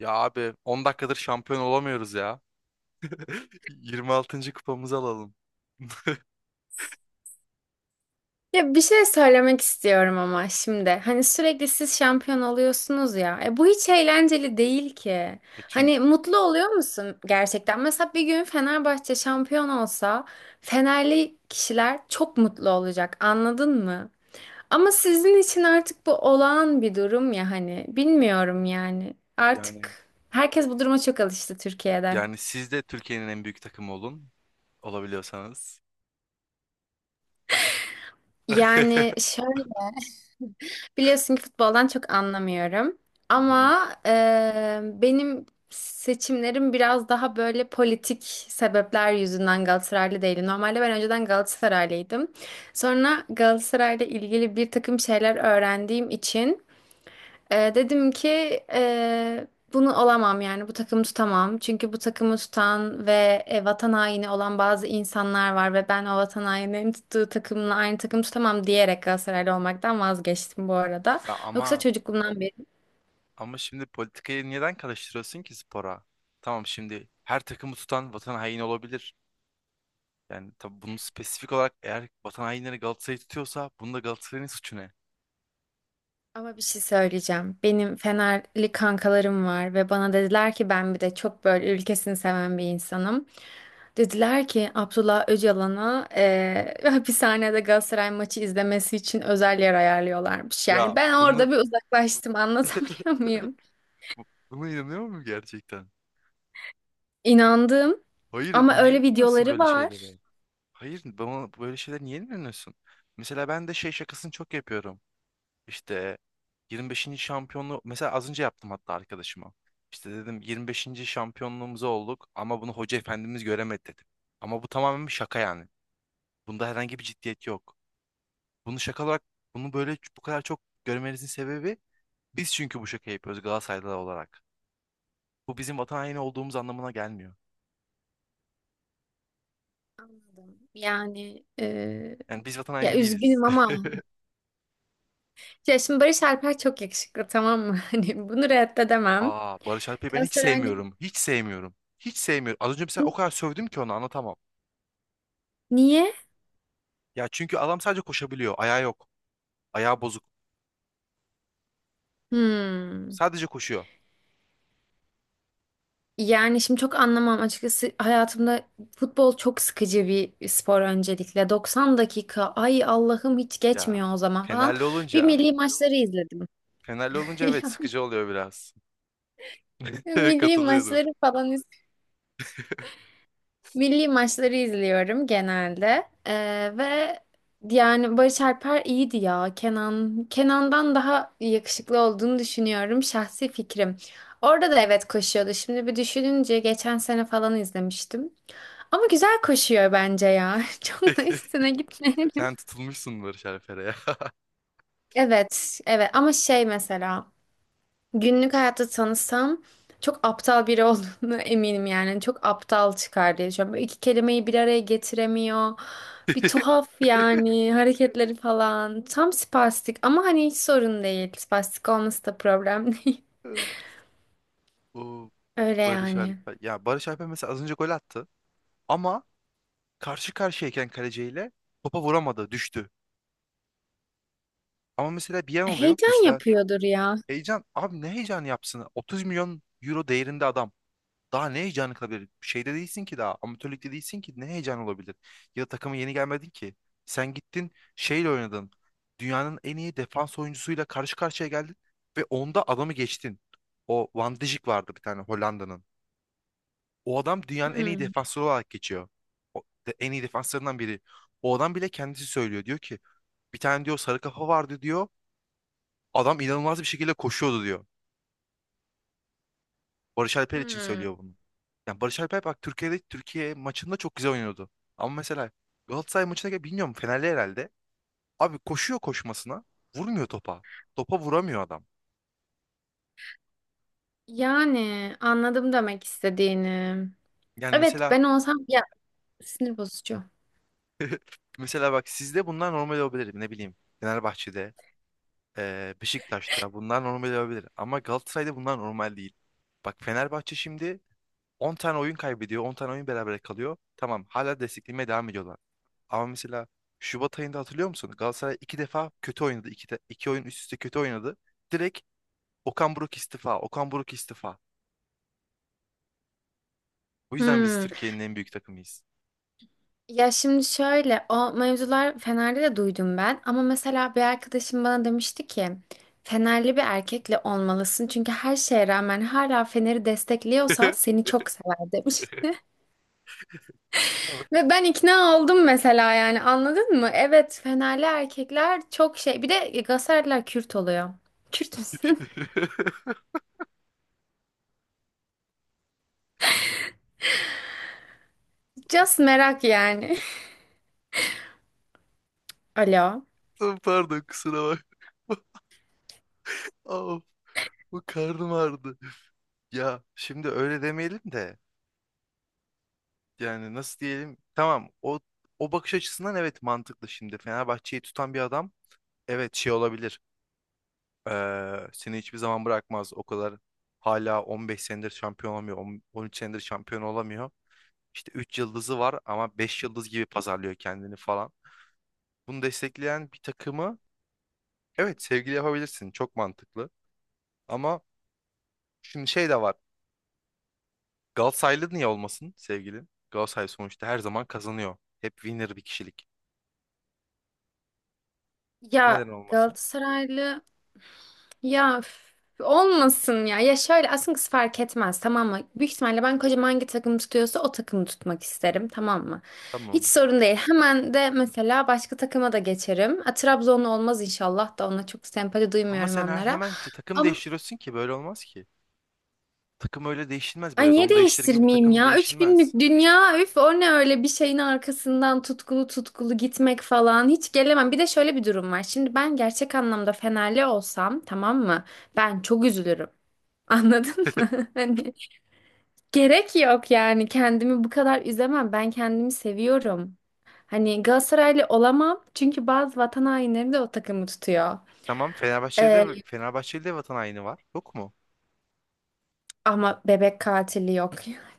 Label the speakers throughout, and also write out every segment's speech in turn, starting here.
Speaker 1: Ya abi 10 dakikadır şampiyon olamıyoruz ya. 26. kupamızı alalım.
Speaker 2: Ya bir şey söylemek istiyorum ama şimdi. Hani sürekli siz şampiyon oluyorsunuz ya. E bu hiç eğlenceli değil ki.
Speaker 1: E
Speaker 2: Hani
Speaker 1: çünkü
Speaker 2: mutlu oluyor musun gerçekten? Mesela bir gün Fenerbahçe şampiyon olsa, Fenerli kişiler çok mutlu olacak. Anladın mı? Ama sizin için artık bu olağan bir durum ya hani. Bilmiyorum yani.
Speaker 1: yani
Speaker 2: Artık herkes bu duruma çok alıştı Türkiye'de.
Speaker 1: yani siz de Türkiye'nin en büyük takımı olabiliyorsanız.
Speaker 2: Yani şöyle. Biliyorsun ki futboldan çok anlamıyorum.
Speaker 1: Hı hı.
Speaker 2: Ama benim seçimlerim biraz daha böyle politik sebepler yüzünden Galatasaraylı değilim. Normalde ben önceden Galatasaraylıydım. Sonra Galatasaray'la ilgili bir takım şeyler öğrendiğim için dedim ki eee, bunu olamam yani bu takımı tutamam. Çünkü bu takımı tutan ve vatan haini olan bazı insanlar var ve ben o vatan haininin tuttuğu takımla aynı takımı tutamam diyerek Galatasaraylı olmaktan vazgeçtim bu arada.
Speaker 1: Ya
Speaker 2: Yoksa
Speaker 1: ama
Speaker 2: çocukluğumdan beri.
Speaker 1: ama şimdi politikayı neden karıştırıyorsun ki spora? Tamam, şimdi her takımı tutan vatan haini olabilir. Yani tabii bunu spesifik olarak, eğer vatan hainleri Galatasaray'ı tutuyorsa, bunda Galatasaray'ın suçu ne?
Speaker 2: Ama bir şey söyleyeceğim. Benim Fenerli kankalarım var ve bana dediler ki ben bir de çok böyle ülkesini seven bir insanım. Dediler ki Abdullah Öcalan'a hapishanede Galatasaray maçı izlemesi için özel yer ayarlıyorlarmış. Yani
Speaker 1: Ya
Speaker 2: ben
Speaker 1: bunu
Speaker 2: orada bir uzaklaştım, anlatabiliyor muyum?
Speaker 1: Buna inanıyor musun gerçekten?
Speaker 2: İnandım,
Speaker 1: Hayır,
Speaker 2: ama
Speaker 1: niye
Speaker 2: öyle
Speaker 1: inanıyorsun
Speaker 2: videoları
Speaker 1: böyle şeylere?
Speaker 2: var.
Speaker 1: Hayır, bana böyle şeyler niye inanıyorsun? Mesela ben de şey şakasını çok yapıyorum. İşte 25. şampiyonluğu mesela az önce yaptım hatta arkadaşıma. İşte dedim 25. şampiyonluğumuzu olduk ama bunu hoca efendimiz göremedi dedim. Ama bu tamamen bir şaka yani. Bunda herhangi bir ciddiyet yok. Bunu şaka olarak bunu böyle bu kadar çok görmenizin sebebi, biz çünkü bu şakayı yapıyoruz Galatasaraylılar olarak. Bu, bizim vatan haini olduğumuz anlamına gelmiyor.
Speaker 2: Anladım. Yani
Speaker 1: Yani biz vatan
Speaker 2: ya
Speaker 1: haini değiliz.
Speaker 2: üzgünüm ama ya şimdi Barış Alper çok yakışıklı, tamam mı? Hani bunu reddedemem.
Speaker 1: Aa, Barış Alper'i ben hiç
Speaker 2: Galatasaray'ın
Speaker 1: sevmiyorum. Hiç sevmiyorum. Hiç sevmiyorum. Az önce mesela o kadar sövdüm ki onu anlatamam.
Speaker 2: niye?
Speaker 1: Ya çünkü adam sadece koşabiliyor. Ayağı yok. Ayağı bozuk.
Speaker 2: Hmm.
Speaker 1: Sadece koşuyor.
Speaker 2: Yani şimdi çok anlamam açıkçası, hayatımda futbol çok sıkıcı bir spor öncelikle. 90 dakika, ay Allah'ım, hiç
Speaker 1: Ya
Speaker 2: geçmiyor o zaman falan.
Speaker 1: Fenerli
Speaker 2: Bir
Speaker 1: olunca
Speaker 2: milli maçları izledim.
Speaker 1: Fenerli olunca evet, sıkıcı oluyor biraz.
Speaker 2: Ya,
Speaker 1: Evet, katılıyorum.
Speaker 2: Milli maçları izliyorum genelde. Ve yani Barış Alper iyiydi ya. Kenan'dan daha yakışıklı olduğunu düşünüyorum, şahsi fikrim. Orada da evet koşuyordu. Şimdi bir düşününce geçen sene falan izlemiştim. Ama güzel koşuyor bence ya. Çok da üstüne gitmeyelim.
Speaker 1: Sen tutulmuşsun Barış Alper'e ya.
Speaker 2: Evet, evet, ama şey mesela günlük hayatta tanısam çok aptal biri olduğunu eminim yani. Çok aptal çıkar diye düşünüyorum. Böyle iki kelimeyi bir araya getiremiyor. Bir tuhaf yani hareketleri falan. Tam spastik ama hani hiç sorun değil. Spastik olması da problem değil.
Speaker 1: O
Speaker 2: Öyle
Speaker 1: Barış
Speaker 2: yani.
Speaker 1: Alper. Ya Barış Alper mesela az önce gol attı. Ama karşı karşıyayken kaleciyle topa vuramadı. Düştü. Ama mesela bir yan oluyor.
Speaker 2: Heyecan
Speaker 1: Mesela
Speaker 2: yapıyordur ya.
Speaker 1: heyecan abi, ne heyecan yapsın? 30 milyon euro değerinde adam. Daha ne heyecanı kalabilir? Şeyde değilsin ki daha. Amatörlükte değilsin ki. Ne heyecan olabilir? Ya da takıma yeni gelmedin ki. Sen gittin şeyle oynadın. Dünyanın en iyi defans oyuncusuyla karşı karşıya geldin. Ve onda adamı geçtin. O Van Dijk vardı bir tane, Hollanda'nın. O adam dünyanın en iyi
Speaker 2: Hmm.
Speaker 1: defansları olarak geçiyor. O, en iyi defanslarından biri. O adam bile kendisi söylüyor. Diyor ki bir tane diyor sarı kafa vardı diyor. Adam inanılmaz bir şekilde koşuyordu diyor. Barış Alper için
Speaker 2: Hmm.
Speaker 1: söylüyor bunu. Yani Barış Alper bak, Türkiye'de, Türkiye maçında çok güzel oynuyordu. Ama mesela Galatasaray maçına gel, bilmiyorum, Fenerli herhalde. Abi koşuyor koşmasına, vurmuyor topa. Topa vuramıyor adam.
Speaker 2: Yani anladım demek istediğini.
Speaker 1: Yani
Speaker 2: Evet,
Speaker 1: mesela
Speaker 2: ben olsam ya, sinir bozucu.
Speaker 1: mesela bak, sizde bunlar normal olabilir, ne bileyim. Fenerbahçe'de, Beşiktaş'ta bunlar normal olabilir. Ama Galatasaray'da bunlar normal değil. Bak, Fenerbahçe şimdi 10 tane oyun kaybediyor, 10 tane oyun berabere kalıyor. Tamam, hala desteklemeye devam ediyorlar. Ama mesela Şubat ayında hatırlıyor musun? Galatasaray iki defa kötü oynadı. İki oyun üst üste kötü oynadı. Direkt Okan Buruk istifa. Okan Buruk istifa. Bu yüzden biz
Speaker 2: Hmm.
Speaker 1: Türkiye'nin en büyük takımıyız.
Speaker 2: Ya şimdi şöyle, o mevzular Fener'de de duydum ben, ama mesela bir arkadaşım bana demişti ki Fenerli bir erkekle olmalısın çünkü her şeye rağmen hala Fener'i destekliyorsa seni çok sever demiş. Ve ben ikna oldum mesela, yani anladın mı? Evet, Fenerli erkekler çok şey, bir de Galatasaraylılar Kürt oluyor. Kürt müsün? Just merak yani. Alo.
Speaker 1: Ay, pardon, kusura bak. Of, bu karnım ağrıdı. Ya şimdi öyle demeyelim de, yani nasıl diyelim? Tamam, o bakış açısından evet, mantıklı şimdi. Fenerbahçe'yi tutan bir adam evet, şey olabilir. Seni hiçbir zaman bırakmaz. O kadar, hala 15 senedir şampiyon olamıyor. 13 senedir şampiyon olamıyor. İşte 3 yıldızı var ama 5 yıldız gibi pazarlıyor kendini falan. Bunu destekleyen bir takımı evet, sevgili yapabilirsin. Çok mantıklı. Ama şimdi şey de var. Galatasaraylı niye olmasın sevgilin? Galatasaray sonuçta her zaman kazanıyor. Hep winner bir kişilik. Bu neden
Speaker 2: Ya
Speaker 1: olmasın?
Speaker 2: Galatasaraylı. Ya üf, olmasın ya. Ya şöyle, aslında kız fark etmez tamam mı? Büyük ihtimalle ben kocam hangi takım tutuyorsa o takımı tutmak isterim, tamam mı? Hiç
Speaker 1: Tamam.
Speaker 2: sorun değil. Hemen de mesela başka takıma da geçerim. A, Trabzonlu olmaz inşallah, da ona çok sempati
Speaker 1: Ama
Speaker 2: duymuyorum,
Speaker 1: sen
Speaker 2: onlara.
Speaker 1: hemen takım
Speaker 2: Ama
Speaker 1: değiştiriyorsun ki, böyle olmaz ki. Takım öyle değişilmez
Speaker 2: ay,
Speaker 1: böyle.
Speaker 2: niye
Speaker 1: Don değiştir gibi
Speaker 2: değiştirmeyeyim
Speaker 1: takım
Speaker 2: ya? Üç
Speaker 1: değişilmez.
Speaker 2: günlük dünya, üf, o ne öyle bir şeyin arkasından tutkulu tutkulu gitmek falan, hiç gelemem. Bir de şöyle bir durum var. Şimdi ben gerçek anlamda Fenerli olsam tamam mı? Ben çok üzülürüm. Anladın mı? Hani, gerek yok yani, kendimi bu kadar üzemem. Ben kendimi seviyorum. Hani Galatasaraylı olamam çünkü bazı vatan hainleri de o takımı tutuyor.
Speaker 1: Tamam, Fenerbahçe'de,
Speaker 2: Ee,
Speaker 1: Fenerbahçeli de vatan haini var. Yok mu?
Speaker 2: ama bebek katili yok.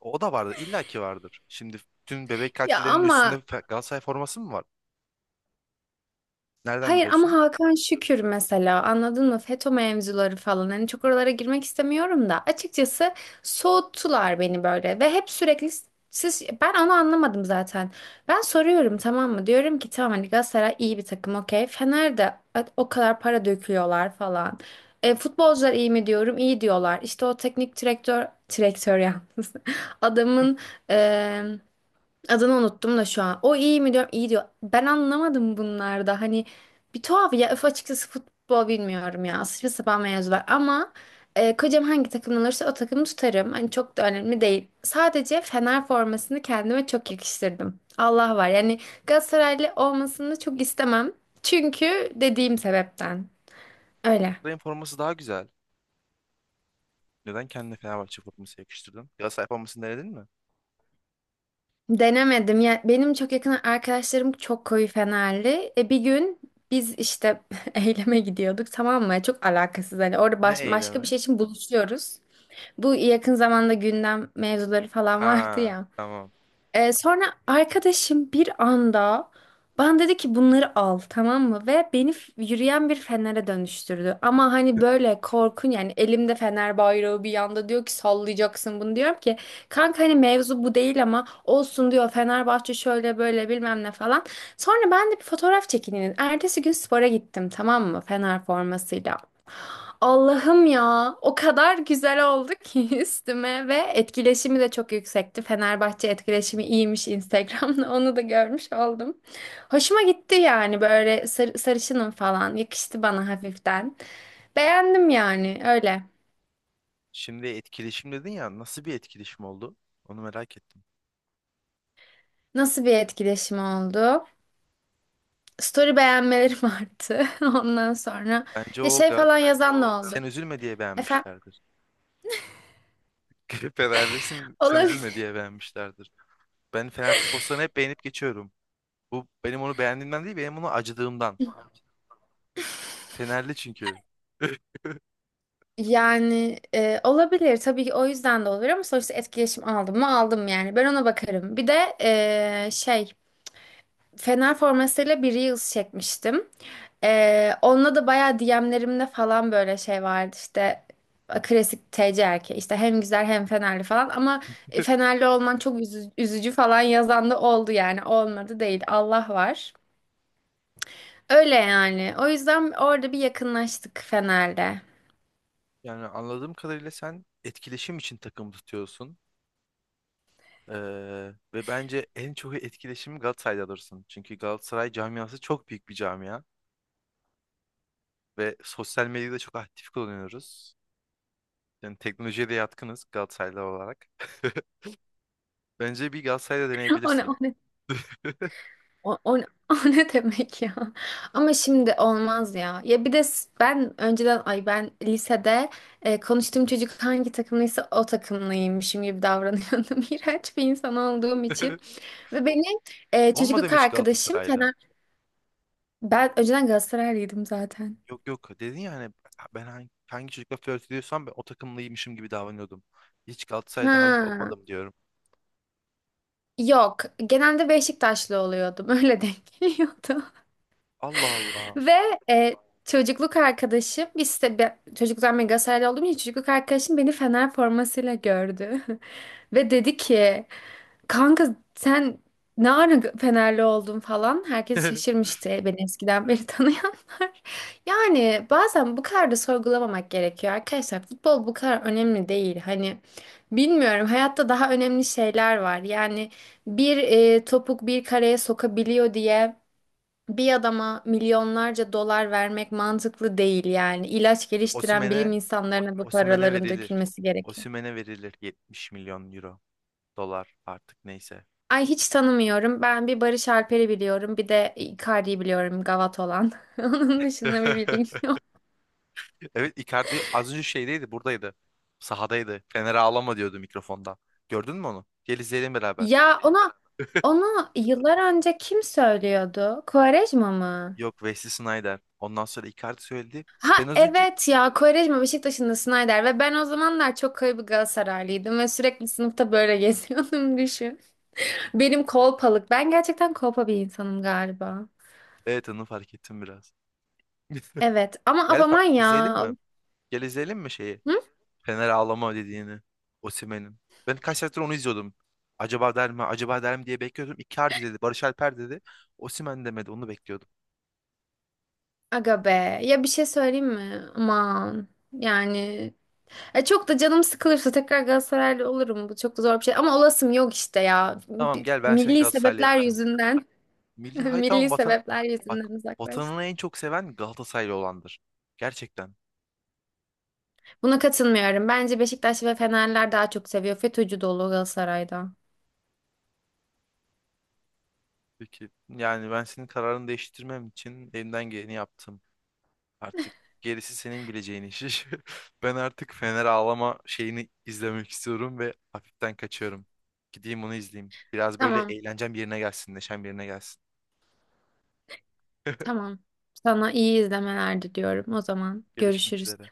Speaker 1: O da vardır. İlla ki vardır. Şimdi tüm bebek
Speaker 2: Ya
Speaker 1: katillerinin üstünde
Speaker 2: ama.
Speaker 1: Galatasaray forması mı var? Nereden
Speaker 2: Hayır, ama
Speaker 1: biliyorsun?
Speaker 2: Hakan Şükür mesela, anladın mı? FETÖ mevzuları falan, hani çok oralara girmek istemiyorum da açıkçası, soğuttular beni böyle ve hep sürekli siz, ben onu anlamadım zaten. Ben soruyorum tamam mı? Diyorum ki tamam, hani Galatasaray iyi bir takım, okey. Fener'de o kadar para döküyorlar falan. Futbolcular iyi mi diyorum? İyi diyorlar. İşte o teknik direktör yalnız. Adamın Adını unuttum da şu an. O iyi mi diyorum? İyi diyor. Ben anlamadım bunlarda. Hani bir tuhaf ya. Öf, açıkçası futbol bilmiyorum ya. Saçma sapan mevzular. Ama kocam hangi takımdan olursa o takımı tutarım. Hani çok da önemli değil. Sadece Fener formasını kendime çok yakıştırdım. Allah var. Yani Galatasaraylı olmasını çok istemem. Çünkü dediğim sebepten. Öyle.
Speaker 1: Galatasaray'ın forması daha güzel. Neden kendine Fenerbahçe forması yakıştırdın? Galatasaray formasını denedin mi?
Speaker 2: Denemedim. Ya benim çok yakın arkadaşlarım çok koyu Fenerli. Bir gün biz işte eyleme gidiyorduk, tamam mı? Çok alakasız hani, orada
Speaker 1: Ne
Speaker 2: başka bir
Speaker 1: eylemi?
Speaker 2: şey için buluşuyoruz. Bu yakın zamanda gündem mevzuları falan vardı
Speaker 1: Aa,
Speaker 2: ya.
Speaker 1: tamam.
Speaker 2: Sonra arkadaşım bir anda bana dedi ki bunları al, tamam mı? Ve beni yürüyen bir fenere dönüştürdü. Ama hani böyle korkun yani, elimde fener bayrağı bir yanda, diyor ki sallayacaksın bunu, diyorum ki kanka hani mevzu bu değil, ama olsun diyor, Fenerbahçe şöyle böyle bilmem ne falan. Sonra ben de bir fotoğraf çekineyim dedim. Ertesi gün spora gittim, tamam mı, Fener formasıyla. Allah'ım ya, o kadar güzel oldu ki üstüme, ve etkileşimi de çok yüksekti. Fenerbahçe etkileşimi iyiymiş Instagram'da, onu da görmüş oldum. Hoşuma gitti yani, böyle sarışınım falan, yakıştı bana hafiften. Beğendim yani, öyle.
Speaker 1: Şimdi etkileşim dedin ya. Nasıl bir etkileşim oldu? Onu merak ettim.
Speaker 2: Nasıl bir etkileşim oldu? Story beğenmelerim arttı. Ondan sonra
Speaker 1: Bence
Speaker 2: ya
Speaker 1: o
Speaker 2: şey
Speaker 1: Gal
Speaker 2: falan yazan da
Speaker 1: sen
Speaker 2: oldu.
Speaker 1: üzülme diye beğenmişlerdir. Fenerlisin, sen
Speaker 2: Efendim.
Speaker 1: üzülme diye beğenmişlerdir. Ben Fener postlarını hep beğenip geçiyorum. Bu, benim onu beğendiğimden değil, benim onu acıdığımdan. Fenerli çünkü.
Speaker 2: Yani olabilir, tabii ki o yüzden de olabilir, ama sonuçta etkileşim aldım mı aldım, yani ben ona bakarım. Bir de şey, Fener formasıyla bir Reels çekmiştim. Onunla da bayağı DM'lerimde falan böyle şey vardı işte, klasik TC erkeği işte, hem güzel hem Fenerli falan, ama Fenerli olman çok üzücü falan yazan da oldu, yani olmadı değil, Allah var. Öyle yani, o yüzden orada bir yakınlaştık Fener'le.
Speaker 1: Yani anladığım kadarıyla sen etkileşim için takım tutuyorsun. Ve bence en çok etkileşimi Galatasaray'da alırsın. Çünkü Galatasaray camiası çok büyük bir camia. Ve sosyal medyada çok aktif kullanıyoruz. Yani teknolojiye de yatkınız Galatasaraylı olarak. Bence bir Galatasaray'da
Speaker 2: O ne,
Speaker 1: deneyebilirsin.
Speaker 2: o ne? O, o, o ne demek ya? Ama şimdi olmaz ya. Ya bir de ben önceden, ay, ben lisede konuştuğum çocuk hangi takımlıysa o takımlıymışım gibi davranıyordum. İğrenç bir insan olduğum için. Ve benim çocukluk
Speaker 1: Olmadım hiç
Speaker 2: arkadaşım
Speaker 1: Galatasaray'la.
Speaker 2: Fener... Ben önceden Galatasaraylıydım zaten.
Speaker 1: Yok yok, dedin ya hani ben hangi çocukla flört ediyorsam ben o takımlıymışım gibi davranıyordum. Hiç Galatasaray daha önce
Speaker 2: Ha.
Speaker 1: olmadım diyorum.
Speaker 2: Yok. Genelde Beşiktaşlı oluyordum. Öyle denk geliyordu.
Speaker 1: Allah Allah.
Speaker 2: Ve e, çocukluk arkadaşım, biz de çocukluktan ben Galatasaraylı olduğum için çocukluk arkadaşım beni Fener formasıyla gördü. Ve dedi ki kanka, sen ne ara Fenerli oldun falan. Herkes şaşırmıştı, beni eskiden beri tanıyanlar. Yani bazen bu kadar da sorgulamamak gerekiyor arkadaşlar. Futbol bu kadar önemli değil. Hani bilmiyorum, hayatta daha önemli şeyler var. Yani bir topuk bir kareye sokabiliyor diye bir adama milyonlarca dolar vermek mantıklı değil yani. İlaç geliştiren bilim
Speaker 1: Osimhen'e
Speaker 2: insanlarına bu
Speaker 1: Osimhen'e
Speaker 2: paraların
Speaker 1: verilir.
Speaker 2: dökülmesi gerekiyor.
Speaker 1: Osimhen'e verilir 70 milyon euro, dolar artık neyse.
Speaker 2: Ay hiç tanımıyorum. Ben bir Barış Alper'i biliyorum. Bir de Icardi'yi biliyorum, gavat olan. Onun dışında bir bilgim yok.
Speaker 1: Evet, Icardi az önce şeydeydi, buradaydı. Sahadaydı. Fener'e ağlama diyordu mikrofonda. Gördün mü onu? Gel izleyelim beraber.
Speaker 2: Ya ona onu yıllar önce kim söylüyordu? Quaresma mı?
Speaker 1: Yok, Wesley Sneijder. Ondan sonra Icardi söyledi.
Speaker 2: Ha
Speaker 1: Ben az önce,
Speaker 2: evet ya, Quaresma Beşiktaş'ın, da Snyder, ve ben o zamanlar çok koyu bir Galatasaraylıydım ve sürekli sınıfta böyle geziyordum düşün. Benim kolpalık. Ben gerçekten kolpa bir insanım galiba.
Speaker 1: evet, onu fark ettim biraz.
Speaker 2: Evet ama, af,
Speaker 1: Gel
Speaker 2: aman
Speaker 1: izleyelim
Speaker 2: ya.
Speaker 1: mi? Gel izleyelim mi şeyi?
Speaker 2: Hı?
Speaker 1: Fener ağlama dediğini. Osimhen'in. Ben kaç saattir onu izliyordum. Acaba der mi? Acaba der mi diye bekliyordum. Icardi dedi. Barış Alper dedi. Osimhen demedi. Onu bekliyordum.
Speaker 2: Aga be. Ya bir şey söyleyeyim mi? Aman. Yani çok da canım sıkılırsa tekrar Galatasaraylı olurum. Bu çok da zor bir şey. Ama olasım yok işte ya.
Speaker 1: Tamam, gel ben seni
Speaker 2: Milli
Speaker 1: Galatasaraylı
Speaker 2: sebepler
Speaker 1: yapacağım.
Speaker 2: yüzünden.
Speaker 1: Milli, hay tamam,
Speaker 2: Milli
Speaker 1: vatan.
Speaker 2: sebepler
Speaker 1: Bak,
Speaker 2: yüzünden
Speaker 1: vatanını
Speaker 2: uzaklaştım.
Speaker 1: en çok seven Galatasaraylı olandır. Gerçekten.
Speaker 2: Buna katılmıyorum. Bence Beşiktaş ve Fenerler daha çok seviyor. FETÖ'cü dolu Galatasaray'da.
Speaker 1: Peki, yani ben senin kararını değiştirmem için elimden geleni yaptım. Artık gerisi senin bileceğin iş. Ben artık Fener ağlama şeyini izlemek istiyorum ve hafiften kaçıyorum. Gideyim onu izleyeyim. Biraz böyle
Speaker 2: Tamam.
Speaker 1: eğlencem yerine gelsin, neşem yerine gelsin.
Speaker 2: Tamam. Sana iyi izlemeler diliyorum. O zaman
Speaker 1: Görüşmek
Speaker 2: görüşürüz.
Speaker 1: üzere.